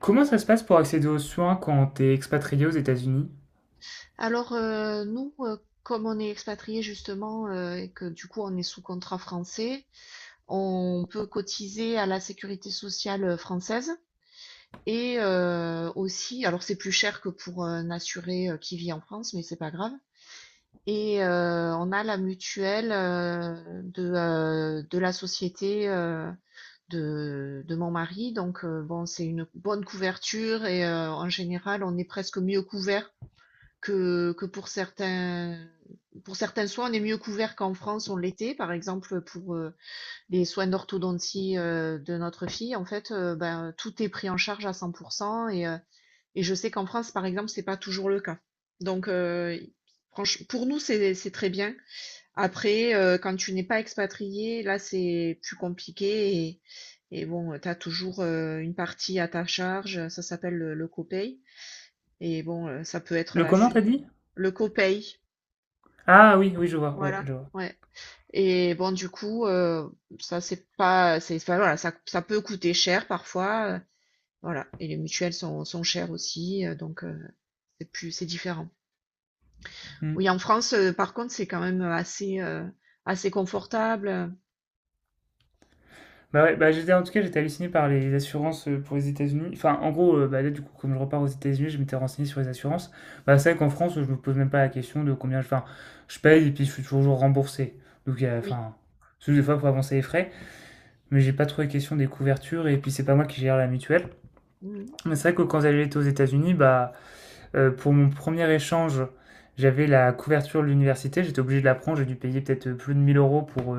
Comment ça se passe pour accéder aux soins quand t'es expatrié aux États-Unis? Alors, nous, comme on est expatrié justement et que du coup on est sous contrat français, on peut cotiser à la sécurité sociale française et aussi, alors c'est plus cher que pour un assuré qui vit en France, mais c'est pas grave. Et on a la mutuelle de la société de mon mari. Donc, bon, c'est une bonne couverture et en général, on est presque mieux couvert que pour certains soins, on est mieux couvert qu'en France, on l'était. Par exemple, pour les soins d'orthodontie de notre fille, en fait, ben, tout est pris en charge à 100%. Et je sais qu'en France, par exemple, c'est pas toujours le cas. Donc, pour nous, c'est très bien. Après, quand tu n'es pas expatrié, là, c'est plus compliqué. Et bon, tu as toujours une partie à ta charge. Ça s'appelle le copay. Et bon, ça peut être Le comment t'as assez. dit? Le copaye, Ah oui, oui, je vois, ouais, voilà, je vois. ouais. Et bon, du coup, ça c'est pas c'est enfin, voilà, ça peut coûter cher parfois, voilà. Et les mutuelles sont chères aussi, donc c'est différent. Hmm. Oui, en France, par contre, c'est quand même assez confortable, Bah ouais, bah j'étais en tout cas j'étais halluciné par les assurances pour les États-Unis. Enfin, en gros, bah là du coup, comme je repars aux États-Unis, je m'étais renseigné sur les assurances. Bah c'est vrai qu'en France, je me pose même pas la question de combien je, enfin, je paye et puis je suis toujours remboursé. Donc oui. enfin, c'est juste des fois pour avancer les frais, mais j'ai pas trop les questions des couvertures et puis c'est pas moi qui gère la mutuelle. Mmh. Mais c'est vrai que quand j'allais aux États-Unis, bah pour mon premier échange, j'avais la couverture de l'université, j'étais obligé de la prendre, j'ai dû payer peut-être plus de 1000 euros pour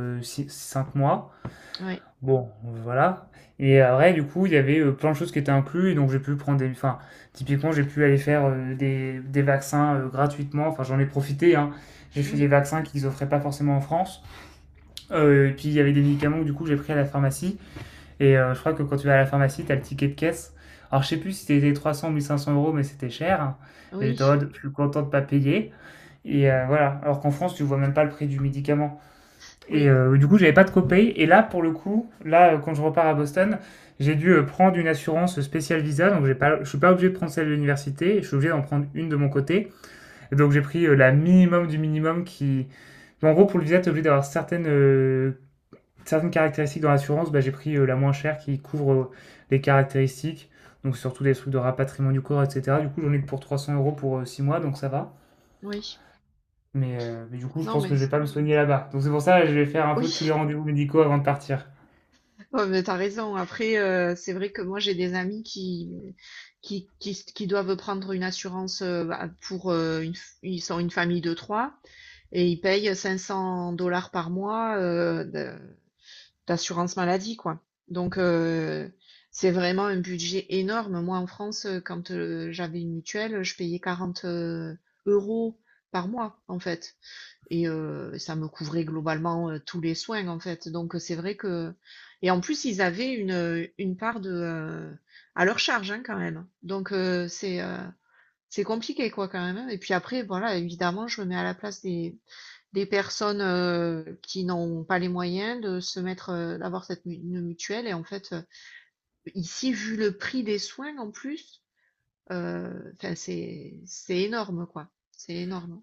5 mois. Ouais. Bon, voilà. Et après, du coup, il y avait plein de choses qui étaient incluses, et donc j'ai pu prendre des. Enfin, typiquement, j'ai pu aller faire des vaccins gratuitement. Enfin, j'en ai profité, hein. J'ai fait des Oui. vaccins qu'ils offraient pas forcément en France. Et puis, il y avait des médicaments que, du coup, j'ai pris à la pharmacie. Et je crois que quand tu vas à la pharmacie, t'as le ticket de caisse. Alors, je sais plus si c'était 300 ou 1500 euros, mais c'était cher. Et Oui. j'étais en mode, je suis content de pas payer. Et voilà. Alors qu'en France, tu vois même pas le prix du médicament. Et Oui. euh, du coup, j'avais pas de copay. Et là, pour le coup, là, quand je repars à Boston, j'ai dû prendre une assurance spéciale visa. Donc, j'ai pas, je suis pas obligé de prendre celle de l'université. Je suis obligé d'en prendre une de mon côté. Et donc, j'ai pris la minimum du minimum qui. En gros, pour le visa, tu es obligé d'avoir certaines caractéristiques dans l'assurance, bah, j'ai pris la moins chère qui couvre les caractéristiques, donc surtout des trucs de rapatriement du corps, etc. Du coup, j'en ai pour 300 euros pour 6 mois, donc ça va. Oui. Mais, mais du coup, je Non pense mais que je vais pas me soigner là-bas. Donc c'est pour ça que je vais faire un oui. peu tous les rendez-vous médicaux avant de partir. Ouais, mais t'as raison. Après, c'est vrai que moi, j'ai des amis qui doivent prendre une assurance bah, ils sont une famille de trois et ils payent 500 $ par mois d'assurance maladie, quoi. Donc, c'est vraiment un budget énorme. Moi, en France, quand j'avais une mutuelle, je payais 40 euros par mois, en fait. Et ça me couvrait globalement, tous les soins, en fait. Donc, c'est vrai que et en plus, ils avaient une part à leur charge, hein, quand même. Donc, c'est compliqué, quoi, quand même, hein. Et puis après, voilà, évidemment, je me mets à la place des personnes, qui n'ont pas les moyens d'avoir cette mu une mutuelle et en fait, ici, vu le prix des soins en plus, enfin, c'est énorme, quoi. C'est énorme.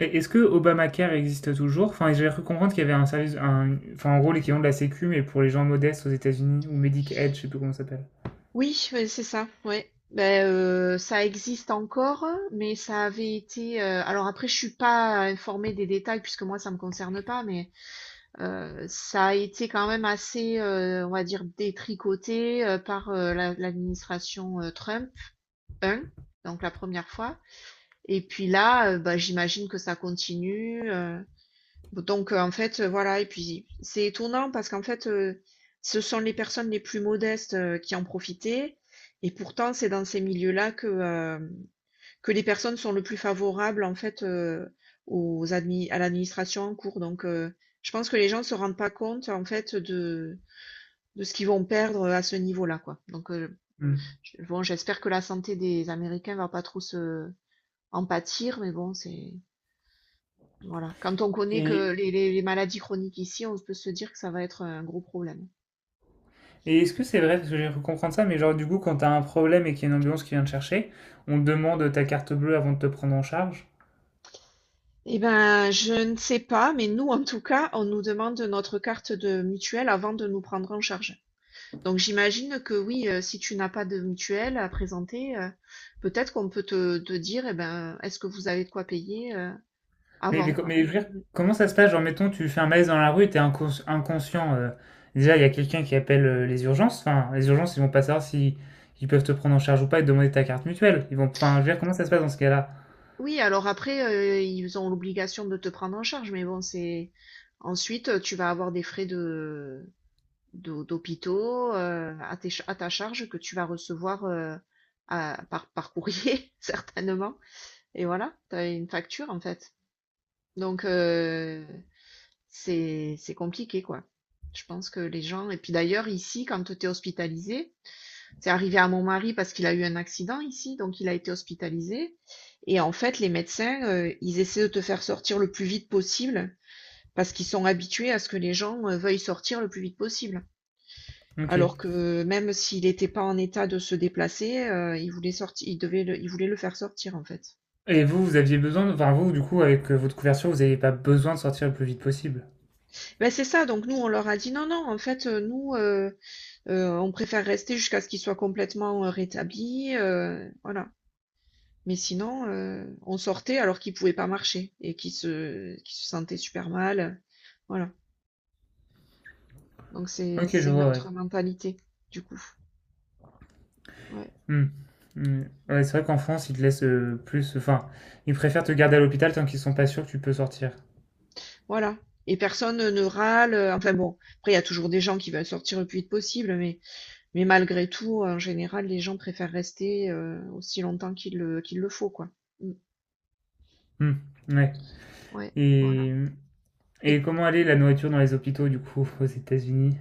Et est-ce que Obamacare existe toujours? Enfin, j'ai cru comprendre qu'il y avait un service, enfin en gros l'équivalent de la Sécu, mais pour les gens modestes aux États-Unis, ou Medicaid, je sais plus comment ça s'appelle. Oui, ouais, c'est ça, ouais. Ben, ça existe encore, mais ça avait été, alors après je suis pas informée des détails puisque moi ça me concerne pas, mais, ça a été quand même assez, on va dire détricoté, par, la l'administration, Trump 1, donc la première fois. Et puis là, bah, j'imagine que ça continue, donc, en fait, voilà. Et puis, c'est étonnant parce qu'en fait, ce sont les personnes les plus modestes, qui en profitaient. Et pourtant c'est dans ces milieux-là que les personnes sont le plus favorables en fait, aux admi à l'administration en cours. Donc, je pense que les gens ne se rendent pas compte en fait de ce qu'ils vont perdre, à ce niveau-là, quoi. Donc, Hmm. bon, j'espère que la santé des Américains va pas trop se en pâtir, mais bon, c'est voilà. Quand on connaît que Et, les maladies chroniques ici, on peut se dire que ça va être un gros problème. et est-ce que c'est vrai, parce que j'ai cru comprendre ça, mais genre du coup quand t'as un problème et qu'il y a une ambulance qui vient te chercher, on te demande ta carte bleue avant de te prendre en charge? Eh ben, je ne sais pas, mais nous, en tout cas, on nous demande notre carte de mutuelle avant de nous prendre en charge. Donc, j'imagine que oui, si tu n'as pas de mutuelle à présenter, peut-être qu'on peut te dire, eh ben, est-ce que vous avez de quoi payer, avant, quoi. Mais je veux dire, Mm. comment ça se passe? Genre mettons tu fais un malaise dans la rue, et inconscient. Déjà il y a quelqu'un qui appelle les urgences, enfin les urgences ils vont pas savoir si ils peuvent te prendre en charge ou pas et te demander ta carte mutuelle. Ils vont, enfin je veux dire comment ça se passe dans ce cas-là? Oui, alors après, ils ont l'obligation de te prendre en charge, mais bon, c'est, ensuite, tu vas avoir des frais d'hôpitaux à ta charge que tu vas recevoir par courrier, certainement. Et voilà, tu as une facture en fait. Donc, c'est compliqué, quoi. Je pense que les gens. Et puis d'ailleurs, ici, quand tu es hospitalisé, c'est arrivé à mon mari parce qu'il a eu un accident ici, donc il a été hospitalisé. Et en fait, les médecins, ils essaient de te faire sortir le plus vite possible parce qu'ils sont habitués à ce que les gens veuillent sortir le plus vite possible. Ok. Alors que même s'il était pas en état de se déplacer, il voulait sortir, il voulait le faire sortir, en fait. Et vous, vous aviez besoin de... Enfin, vous, du coup, avec votre couverture, vous n'avez pas besoin de sortir le plus vite possible. Ben c'est ça, donc nous, on leur a dit: «Non, non, en fait, nous, on préfère rester jusqu'à ce qu'il soit complètement, rétabli, voilà». Mais sinon, on sortait alors qu'il pouvait pas marcher et qu'il se sentait super mal, voilà. Donc c'est Ok, je c'est une vois, ouais. autre mentalité, du coup. Ouais, Hmm. Hmm. Ouais, c'est vrai qu'en France, ils te laissent plus... Enfin, ils préfèrent te garder à l'hôpital tant qu'ils sont pas sûrs que tu peux sortir. voilà. Et personne ne râle, enfin bon, après il y a toujours des gens qui veulent sortir le plus vite possible, mais malgré tout, en général, les gens préfèrent rester, aussi longtemps qu'il le faut, quoi. Mmh. Hmm. Ouais. Ouais, voilà. Et... Et Et comment aller la nourriture dans les hôpitaux, du coup, aux États-Unis?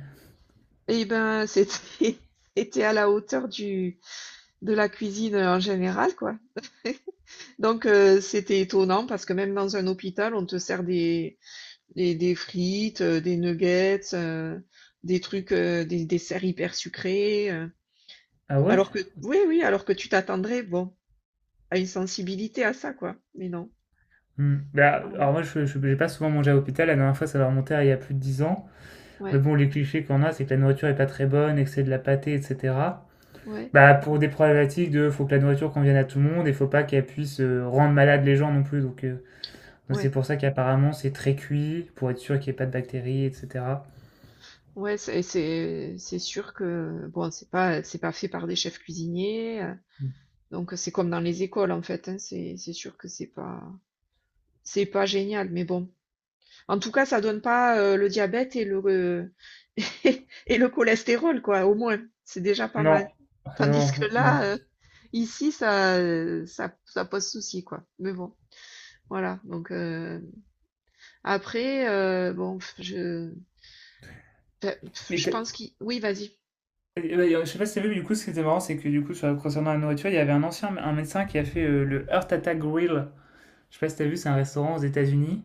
et ben, c'était c'était à la hauteur du de la cuisine, en général, quoi. Donc c'était étonnant parce que même dans un hôpital, on te sert des frites, des nuggets, des trucs, des desserts hyper sucrés, Ah ouais? alors que oui, oui, alors que tu t'attendrais, bon, à une sensibilité à ça, quoi. Mais non, Hmm. Bah, voilà. alors moi, j'ai pas souvent mangé à l'hôpital. La dernière fois, ça va remonter à il y a plus de 10 ans. Mais Ouais, bon, les clichés qu'on a, c'est que la nourriture est pas très bonne et que c'est de la pâtée, etc. ouais, Bah, pour des problématiques de faut que la nourriture convienne à tout le monde et faut pas qu'elle puisse rendre malade les gens non plus. Donc ouais. c'est pour ça qu'apparemment c'est très cuit pour être sûr qu'il n'y ait pas de bactéries, etc. Ouais, c'est sûr que bon, c'est pas fait par des chefs cuisiniers, donc c'est comme dans les écoles, en fait, hein. C'est sûr que c'est pas génial, mais bon. En tout cas, ça donne pas, le diabète et le re et le cholestérol, quoi, au moins. C'est déjà pas Non, mal. Tandis non que non. là, ici, ça, ça pose souci, quoi. Mais bon, voilà, donc après, bon, je enfin, Mais je t'as- pense qu'il oui, vas-y. Ouais, je sais pas si t'as vu, mais du coup, ce qui était marrant, c'est que du coup, sur, concernant la nourriture, il y avait un médecin qui a fait le Heart Attack Grill. Je sais pas si t'as vu, c'est un restaurant aux États-Unis.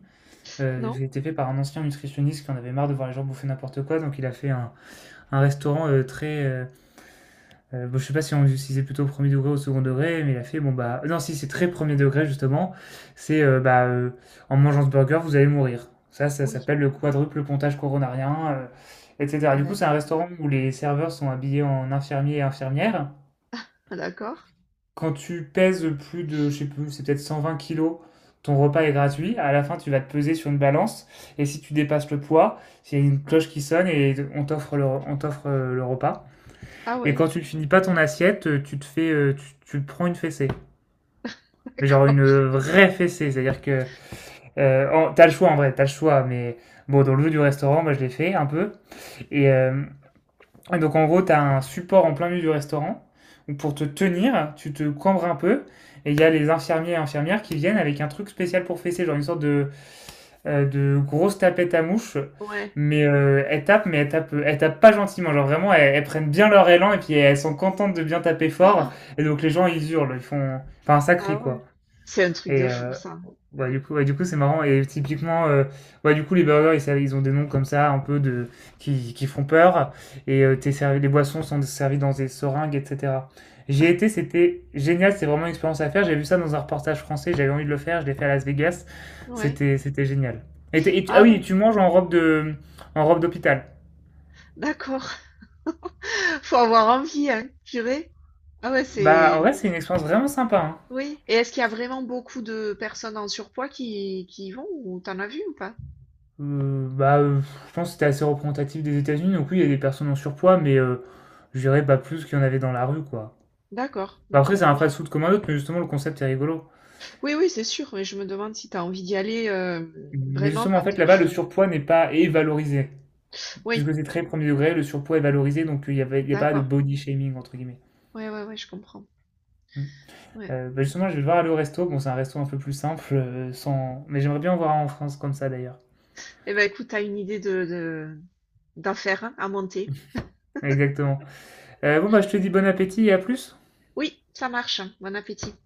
Non? Qui a été fait par un ancien nutritionniste qui en avait marre de voir les gens bouffer n'importe quoi. Donc, il a fait Un restaurant bon, je sais pas si on si c'est plutôt au premier degré ou au second degré, mais il a fait bon bah non si c'est très premier degré justement, c'est bah en mangeant ce burger vous allez mourir. Ça Oui, s'appelle le quadruple pontage coronarien, etc. Du coup bah. c'est un restaurant où les serveurs sont habillés en infirmiers et infirmières. Ah d'accord. Quand tu pèses plus de je sais plus c'est peut-être 120 kilos, ton repas est gratuit. À la fin tu vas te peser sur une balance et si tu dépasses le poids, il y a une cloche qui sonne et on t'offre le repas. Ah Et ouais, quand tu ne finis pas ton assiette, tu te fais, tu, tu prends une fessée. Mais genre une d'accord, vraie fessée, c'est-à-dire que oh, t'as le choix en vrai, t'as le choix, mais bon, dans le jeu du restaurant, moi je l'ai fait un peu, et euh, et donc en gros, tu as un support en plein milieu du restaurant où pour te tenir, tu te cambres un peu et il y a les infirmiers et infirmières qui viennent avec un truc spécial pour fesser, genre une sorte de grosse tapette à mouche. ouais. Elles tapent, elles tapent pas gentiment. Genre vraiment, elles prennent bien leur élan et puis elles sont contentes de bien taper fort. Ah! Et donc les gens, ils hurlent, ils font... Enfin, ça Ah crie ouais. quoi. C'est un truc de Et, fou euh, ça. Ouais, du coup, c'est marrant. Et typiquement, ouais, du coup, les burgers, ils ont des noms comme ça, qui font peur. Et t'es servi, les boissons sont servies dans des seringues, etc. J'y ai été, c'était génial. C'était vraiment une expérience à faire. J'ai vu ça dans un reportage français. J'avais envie de le faire. Je l'ai fait à Las Vegas. Ouais. C'était, c'était génial. Ah ouais, Tu manges en en robe d'hôpital. d'accord. Faut avoir envie, hein, purée. Ah ouais, Bah, en c'est vrai, c'est une expérience vraiment sympa, hein. oui. Et est-ce qu'il y a vraiment beaucoup de personnes en surpoids qui y vont ou t'en as vu ou pas? Euh, bah, euh, je pense que c'était assez représentatif des États-Unis. Donc oui, il y a des personnes en surpoids, mais je dirais pas plus qu'il y en avait dans la rue, quoi. D'accord, Bah, ok. après, c'est un Non. fast-food comme un autre, mais justement, le concept est rigolo. Oui, oui, c'est sûr, mais je me demande si tu as envie d'y aller Mais vraiment justement, en quand fait, là-bas, le tu. surpoids n'est pas est valorisé. Oui, Puisque c'est très premier degré, le surpoids est valorisé, donc il y a pas de d'accord. body shaming, entre guillemets. Ouais, ouais, ouais, je comprends. Mm. Ouais. Bah, justement, je vais devoir aller au resto. Bon, c'est un resto un peu plus simple, sans... mais j'aimerais bien en voir un en France comme ça, d'ailleurs. Eh ben écoute, t'as une idée de d'en faire un, à monter. Exactement. Bon, bah, je te dis bon appétit et à plus. Oui, ça marche. Bon appétit.